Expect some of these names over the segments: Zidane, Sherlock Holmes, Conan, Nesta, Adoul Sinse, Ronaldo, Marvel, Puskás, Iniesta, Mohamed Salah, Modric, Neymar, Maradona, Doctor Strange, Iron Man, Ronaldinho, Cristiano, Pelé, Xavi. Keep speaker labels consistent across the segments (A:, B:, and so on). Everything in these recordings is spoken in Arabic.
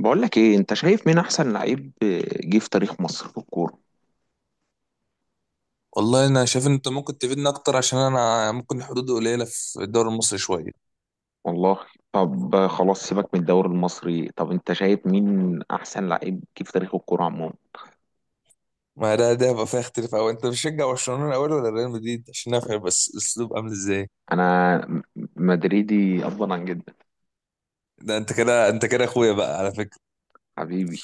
A: بقول لك ايه؟ انت شايف مين احسن لعيب جه في تاريخ مصر في الكوره؟
B: والله انا شايف ان انت ممكن تفيدنا اكتر عشان انا ممكن الحدود قليله في الدوري المصري شويه.
A: والله، طب خلاص، سيبك من الدوري المصري. طب انت شايف مين احسن لعيب جه في تاريخ الكوره عموما؟
B: ما ده هيبقى فيها اختلاف قوي، انت بتشجع برشلونه الاول ولا ريال مدريد عشان نفهم بس الاسلوب عامل ازاي؟
A: انا م- مدريدي افضل عن جدا.
B: ده انت كده اخويا بقى على فكره.
A: حبيبي،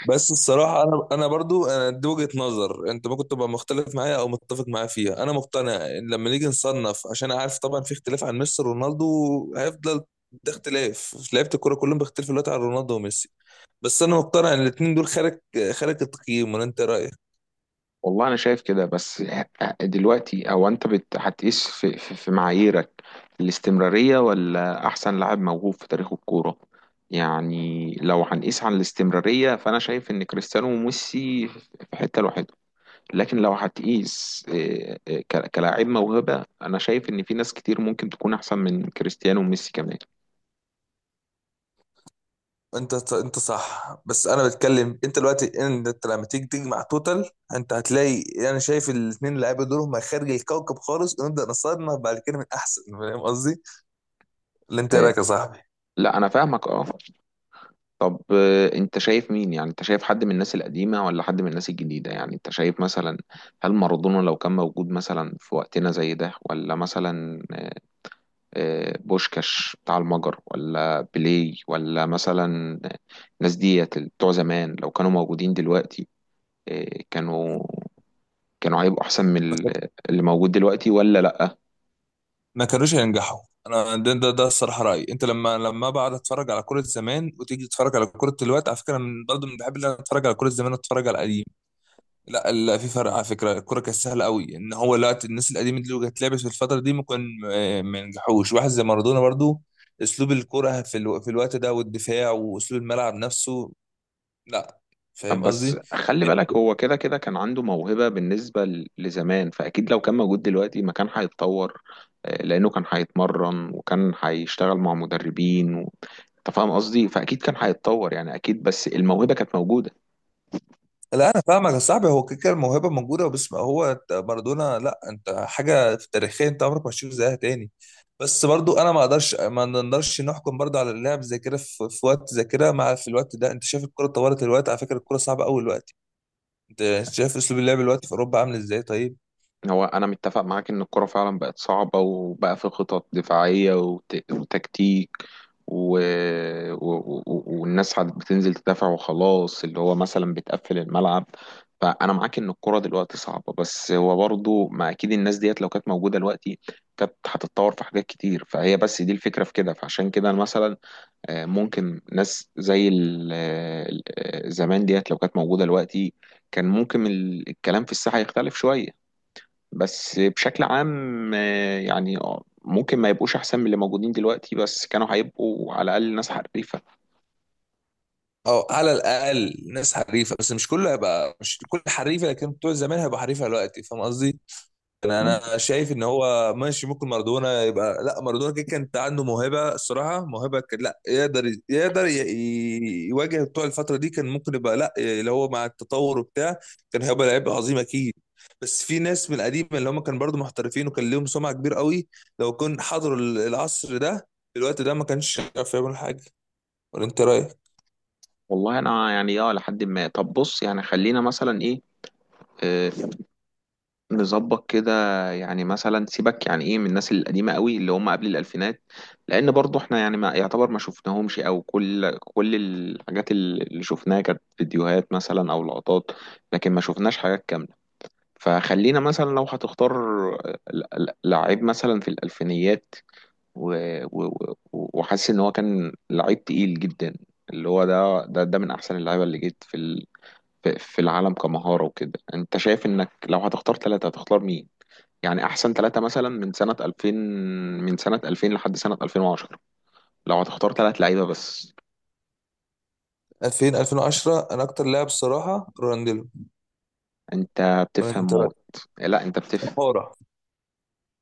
B: بس الصراحه انا برضو انا دي وجهه نظر، انت ممكن تبقى مختلف معايا او متفق معايا فيها. انا مقتنع ان لما نيجي نصنف، عشان عارف طبعا في اختلاف عن ميسي ورونالدو، هيفضل ده اختلاف في لعيبه الكوره، كلهم بيختلفوا دلوقتي عن رونالدو وميسي، بس انا مقتنع ان الاثنين دول خارج التقييم. ولا انت إيه رايك؟
A: والله انا شايف كده. بس دلوقتي، او هتقيس في معاييرك؟ الاستمراريه ولا احسن لاعب موهوب في تاريخ الكوره؟ يعني لو هنقيس على الاستمراريه، فانا شايف ان كريستيانو وميسي في حته لوحدهم. لكن لو هتقيس كلاعب موهبة، أنا شايف إن في ناس كتير ممكن تكون أحسن من كريستيانو وميسي كمان.
B: انت صح، بس انا بتكلم انت دلوقتي ان انت لما تيجي تجمع توتال، انت هتلاقي، انا شايف الاثنين لعيبه دول هم خارج الكوكب خالص، ونبدا نصنف بعد كده من احسن فاهم قصدي؟ اللي انت إيه
A: إيه،
B: رايك يا صاحبي.
A: لا أنا فاهمك، أه. طب آه، أنت شايف مين؟ يعني أنت شايف حد من الناس القديمة ولا حد من الناس الجديدة؟ يعني أنت شايف مثلا هل مارادونا لو كان موجود مثلا في وقتنا زي ده، ولا مثلا بوشكاش بتاع المجر، ولا بيليه، ولا مثلا الناس ديت بتوع زمان لو كانوا موجودين دلوقتي، آه، كانوا كانوا هيبقوا احسن
B: ما كان-
A: اللي موجود دلوقتي ولا لا؟
B: ما كانوش هينجحوا. انا ده الصراحه رايي، انت لما بقعد اتفرج على كوره زمان وتيجي تتفرج على كوره دلوقتي، على فكره انا من برضه من بحب ان انا اتفرج على كوره زمان، اتفرج على القديم. لا لا، في فرق على فكره، الكره كانت سهله قوي، ان هو لا، الناس القديمه دي لو كانت لعبت في الفتره دي ممكن ما ينجحوش، واحد زي مارادونا برضو، اسلوب الكره في الوقت ده والدفاع واسلوب الملعب نفسه. لا. فاهم
A: بس
B: قصدي.
A: خلي بالك، هو كده كده كان عنده موهبة بالنسبة لزمان. فاكيد لو كان موجود دلوقتي ما كان هيتطور؟ آه، لانه كان هيتمرن وكان هيشتغل مع مدربين انت فاهم قصدي؟ فاكيد كان هيتطور، يعني اكيد، بس الموهبة كانت موجودة.
B: لا انا فاهمك يا صاحبي، هو كده كده الموهبه موجوده، بس ما هو أنت مارادونا، لا انت حاجه في تاريخيا انت عمرك ما هتشوف زيها تاني. بس برضو انا ما اقدرش، ما نقدرش نحكم برضو على اللاعب زي كده في وقت زي كده، مع في الوقت ده انت شايف الكره اتطورت الوقت، على فكره الكره صعبه قوي الوقت. انت شايف اسلوب اللعب دلوقتي في اوروبا عامل ازاي طيب؟
A: هو انا متفق معاك ان الكرة فعلا بقت صعبة، وبقى في خطط دفاعية وتكتيك، و... والناس عاد بتنزل تدافع وخلاص، اللي هو مثلا بتقفل الملعب. فانا معاك ان الكرة دلوقتي صعبة، بس هو برضو ما اكيد الناس ديت لو كانت موجودة دلوقتي كانت هتتطور في حاجات كتير، فهي بس دي الفكرة في كده. فعشان كده مثلا، آه، ممكن ناس زي زمان ديت لو كانت موجودة دلوقتي، كان ممكن الكلام في الساحة يختلف شوية. بس بشكل عام آه، يعني آه، ممكن ما يبقوش احسن من اللي موجودين دلوقتي، بس كانوا هيبقوا على الاقل ناس حريفه.
B: او على الاقل ناس حريفه، بس مش كله هيبقى، مش كل حريفه، لكن بتوع زمان هيبقى حريفه دلوقتي، فاهم قصدي. انا شايف ان هو ماشي، ممكن مارادونا يبقى، لا مارادونا كده كانت عنده موهبه الصراحه، موهبه، كان لا يقدر، يواجه بتوع الفتره دي، كان ممكن يبقى، لا اللي هو مع التطور وبتاع، كان هيبقى لعيب عظيم اكيد. بس في ناس من القديمه اللي هم كانوا برضو محترفين وكان لهم سمعه كبيره قوي، لو كان حضروا العصر ده، في الوقت ده ما كانش عارف يعمل حاجه، ولا انت رايك؟
A: والله انا يعني اه لحد ما، طب بص، يعني خلينا مثلا ايه، آه، نظبط كده. يعني مثلا سيبك، يعني ايه من الناس القديمه قوي اللي هم قبل الالفينات؟ لان برضو احنا يعني ما يعتبر ما شفناهمش، او كل الحاجات اللي شفناها كانت فيديوهات مثلا او لقطات، لكن ما شفناش حاجات. فخلينا مثلا لو هتختار لعيب مثلا في الألفينيات، و... و... وحاسس إن هو كان لعيب تقيل جدا، اللي هو ده من أحسن اللعيبة اللي جيت في في العالم كمهارة وكده. أنت شايف إنك لو هتختار ثلاثة هتختار مين؟ يعني أحسن ثلاثة مثلا من سنة 2000، من سنة 2000 لحد سنة 2010، لو هتختار ثلاث لعيبة بس.
B: 2000 2010، انا اكتر لاعب الصراحه رونالدينيو،
A: أنت
B: ولا
A: بتفهم
B: انت
A: موت.
B: رايك؟
A: لا، أنت بتفهم.
B: كمهاره.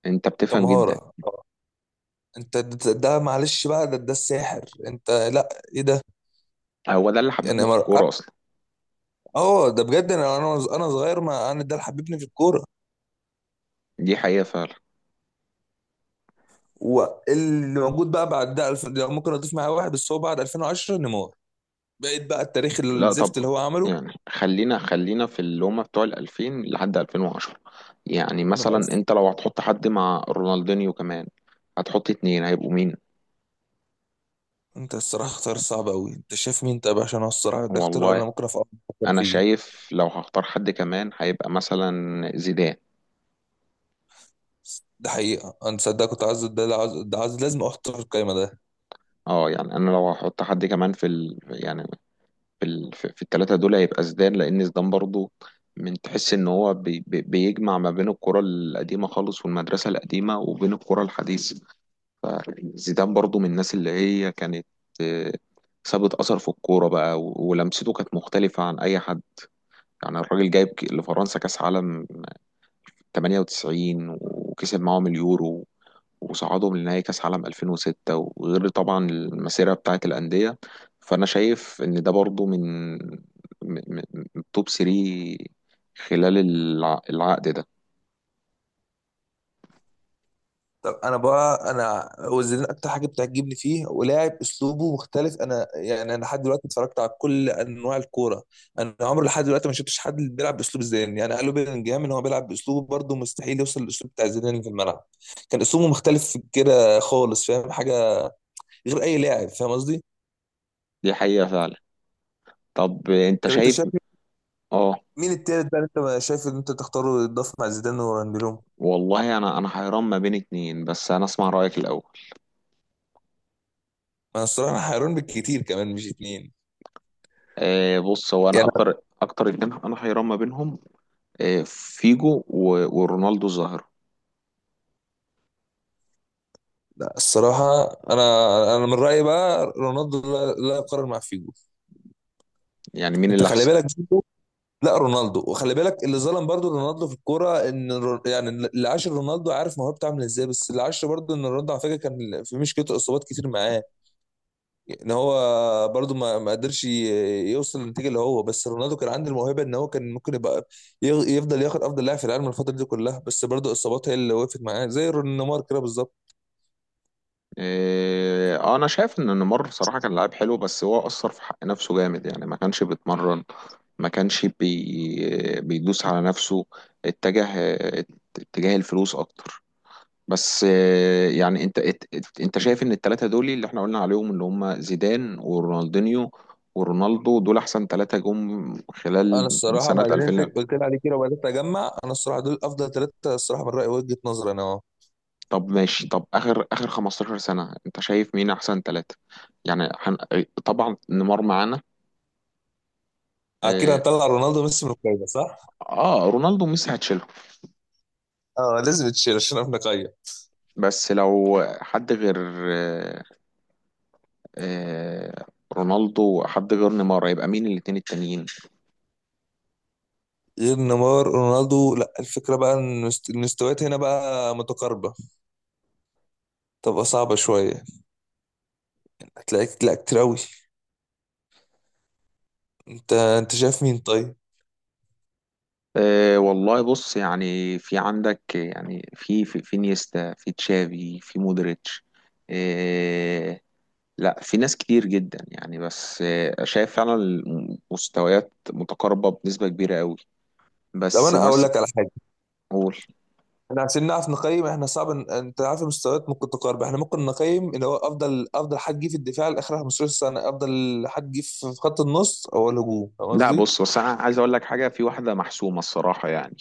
A: أنت بتفهم جدا.
B: كمهاره. انت ده, ده معلش بقى، ده, ده الساحر انت، لا. ايه ده.
A: هو ده اللي
B: يعني
A: حببنا في
B: مر...
A: الكورة أصلا.
B: اه ده بجد، انا انا صغير، ما انا ده اللي حببني في الكوره.
A: دي حقيقة فعلا.
B: واللي موجود بقى بعد ده، لو ممكن اضيف معاه واحد بس، هو بعد 2010 نيمار، بقيت بقى التاريخ
A: لا طب،
B: الزفت اللي هو عمله.
A: يعني خلينا في اللي هما بتوع ال 2000 لحد 2010، يعني
B: من
A: مثلا
B: ألف.
A: انت لو هتحط حد مع رونالدينيو كمان، هتحط اتنين هيبقوا مين؟
B: انت الصراحه اختار صعب قوي، انت شايف مين طيب؟ عشان هو الصراحه ده اختيار، انا
A: والله،
B: ممكن أفكر
A: انا
B: فيه.
A: شايف لو هختار حد كمان هيبقى مثلا زيدان.
B: ده حقيقه، انا صدق كنت عايز ده، عايز ده، عايز، لازم اختار القايمه ده.
A: اه يعني انا لو هحط حد كمان يعني في في التلاتة دول، هيبقى زيدان، لان زيدان برضو من تحس ان هو بيجمع ما بين الكرة القديمة خالص والمدرسة القديمة وبين الكرة الحديثة. زيدان برضو من الناس اللي هي كانت آه، سابت أثر في الكورة بقى، ولمسته كانت مختلفة عن أي حد. يعني الراجل جايب لفرنسا كأس عالم 98، وكسب معاهم اليورو، وصعدهم لنهائي كأس عالم 2006، وغير طبعا المسيرة بتاعة الأندية. فأنا شايف إن ده برضو من من- من توب 3 خلال العقد ده.
B: طب انا بقى، انا وزيرين اكتر حاجه بتعجبني فيه ولاعب اسلوبه مختلف، انا يعني انا لحد دلوقتي اتفرجت على كل انواع الكوره، انا عمري لحد دلوقتي ما شفتش حد بيلعب باسلوب زيدان، يعني قالوا بيلينجهام ان هو بيلعب باسلوبه، برضه مستحيل يوصل للاسلوب بتاع زيدان في الملعب، كان اسلوبه مختلف كده خالص، فاهم حاجه غير اي لاعب، فاهم قصدي.
A: دي حقيقة فعلا. طب أنت
B: طب انت
A: شايف؟
B: شايف
A: آه،
B: مين التالت بقى اللي انت ما شايف ان انت تختاره يتضاف مع زيدان وراندولوم؟
A: والله انا حيران ما بين اتنين، بس انا اسمع رايك الاول.
B: انا الصراحه حيران بالكتير كمان مش اتنين،
A: آه بص، هو انا
B: يعني.
A: اكتر اكتر اتنين انا حيران ما بينهم، آه، فيجو ورونالدو الظاهره.
B: لا الصراحة، أنا من رأيي بقى رونالدو لا, لا يقارن مع فيجو.
A: يعني مين
B: أنت
A: اللي
B: خلي
A: احسن؟
B: بالك برضو، لا رونالدو، وخلي بالك اللي ظلم برضو رونالدو في الكورة، يعني اللي عاش رونالدو عارف موهبته عاملة إزاي، بس اللي عاش برضو إن رونالدو على فكرة كان في مشكلته إصابات كتير معاه، إن هو برضو ما قدرش يوصل للنتيجة اللي هو، بس رونالدو كان عنده الموهبة إن هو كان ممكن يبقى يفضل ياخد أفضل لاعب في العالم الفترة دي كلها، بس برضو الإصابات هي اللي وقفت معاه زي نيمار كده بالظبط.
A: آه، انا شايف ان نيمار صراحه كان لاعب حلو، بس هو اثر في حق نفسه جامد. يعني ما كانش بيتمرن، ما كانش بي بيدوس على نفسه، اتجه اتجاه الفلوس اكتر. بس آه، يعني انت شايف ان الثلاثه دول اللي احنا قلنا عليهم، اللي هم زيدان ورونالدينيو ورونالدو، دول احسن ثلاثه جم
B: انا
A: خلال من
B: الصراحه
A: سنه
B: بعد اللي
A: 2000؟
B: انت قلت لي عليه كده وبدات اجمع، انا الصراحه دول افضل ثلاثه الصراحه من رايي، وجهه نظري انا اهو.
A: طب ماشي. طب اخر اخر 15 سنه انت شايف مين احسن ثلاثه؟ يعني هن... طبعا نيمار معانا.
B: اكيد
A: اه،
B: هنطلع رونالدو وميسي من القايمه صح؟
A: آه، رونالدو وميسي هتشيلهم.
B: اه، لازم تشيل عشان احنا قايمه.
A: بس لو حد غير آه آه رونالدو، حد غير نيمار، هيبقى مين الاتنين التانيين؟
B: غير نيمار رونالدو، لا، الفكره بقى ان المستويات هنا بقى متقاربه، تبقى صعبه شويه، هتلاقيك لا كتير قوي، انت شايف مين طيب؟
A: أه والله بص، يعني في عندك يعني في في نيستا، في تشافي، في مودريتش. أه لا، في ناس كتير جدا يعني. بس أه شايف فعلا المستويات متقاربة بنسبة كبيرة قوي.
B: لو
A: بس
B: انا اقول
A: مثلا
B: لك على حاجه.
A: قول.
B: احنا عشان نعرف نقيم، احنا صعب، انت عارف المستويات ممكن تقاربه، احنا ممكن نقيم اللي هو افضل حد جه في الدفاع لاخر 15 سنه، افضل حد جه في خط النص او الهجوم، فاهم
A: لا
B: قصدي؟
A: بص، بس انا عايز اقول لك حاجة، في واحدة محسومة الصراحة يعني.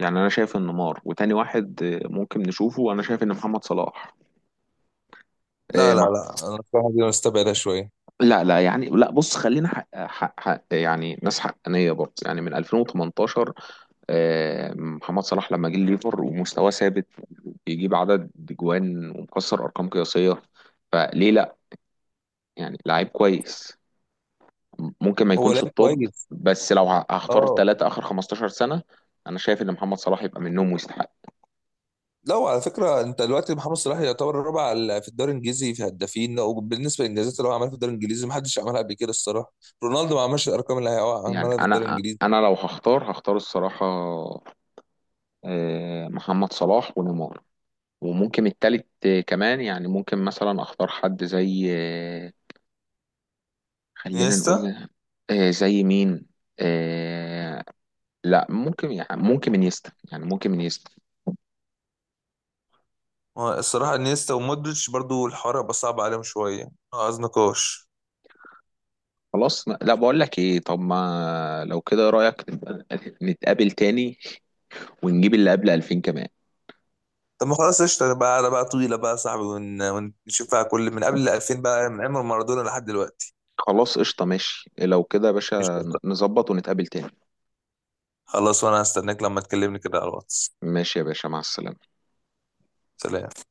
A: يعني انا شايف ان نيمار، وتاني واحد آه، ممكن نشوفه، انا شايف ان محمد صلاح. آه،
B: لا لا
A: مع...
B: لا، انا الصراحه دي مستبعدها شويه.
A: لا لا يعني لا، بص خلينا حق يعني ناس حقانية برضه. يعني من 2018 آه، محمد صلاح لما جه الليفر، ومستواه ثابت، بيجيب عدد جوان، ومكسر ارقام قياسيه، فليه لا؟ يعني لعيب كويس، ممكن ما
B: هو
A: يكونش
B: لعيب
A: الطب،
B: كويس.
A: بس لو هختار
B: اه.
A: ثلاثه اخر 15 سنه، انا شايف ان محمد صلاح يبقى منهم ويستحق.
B: لا وعلى فكره، انت دلوقتي محمد صلاح يعتبر الرابع، في الدوري الانجليزي في هدافين، وبالنسبه للانجازات اللي هو عملها في الدوري الانجليزي ما حدش عملها قبل كده الصراحه، رونالدو ما عملش الارقام اللي هو
A: يعني
B: عملها في الدوري
A: انا
B: الانجليزي.
A: انا لو هختار، هختار الصراحه آه، محمد صلاح ونيمار، وممكن التالت آه، كمان، يعني ممكن مثلا اختار حد زي آه، خلينا
B: انيستا.
A: نقول آه، زي مين؟ آه، لا ممكن، يعني ممكن انيستا، يعني ممكن انيستا.
B: هو الصراحه انيستا ومودريتش برضو الحوار هيبقى صعب عليهم شويه، عايز نقاش.
A: خلاص، لا بقول لك ايه، طب ما لو كده رايك نبقى نتقابل تاني، ونجيب اللي قبل 2000 كمان.
B: طب ما خلاص قشطه بقى، على بقى طويله بقى يا صاحبي، ونشوفها كل من قبل 2000 بقى، من ايام مارادونا لحد دلوقتي.
A: خلاص قشطة، ماشي لو كده يا باشا،
B: قشطه.
A: نظبط ونتقابل تاني.
B: خلاص، وانا هستناك لما تكلمني كده على الواتس.
A: ماشي يا باشا، مع السلامة.
B: سلام.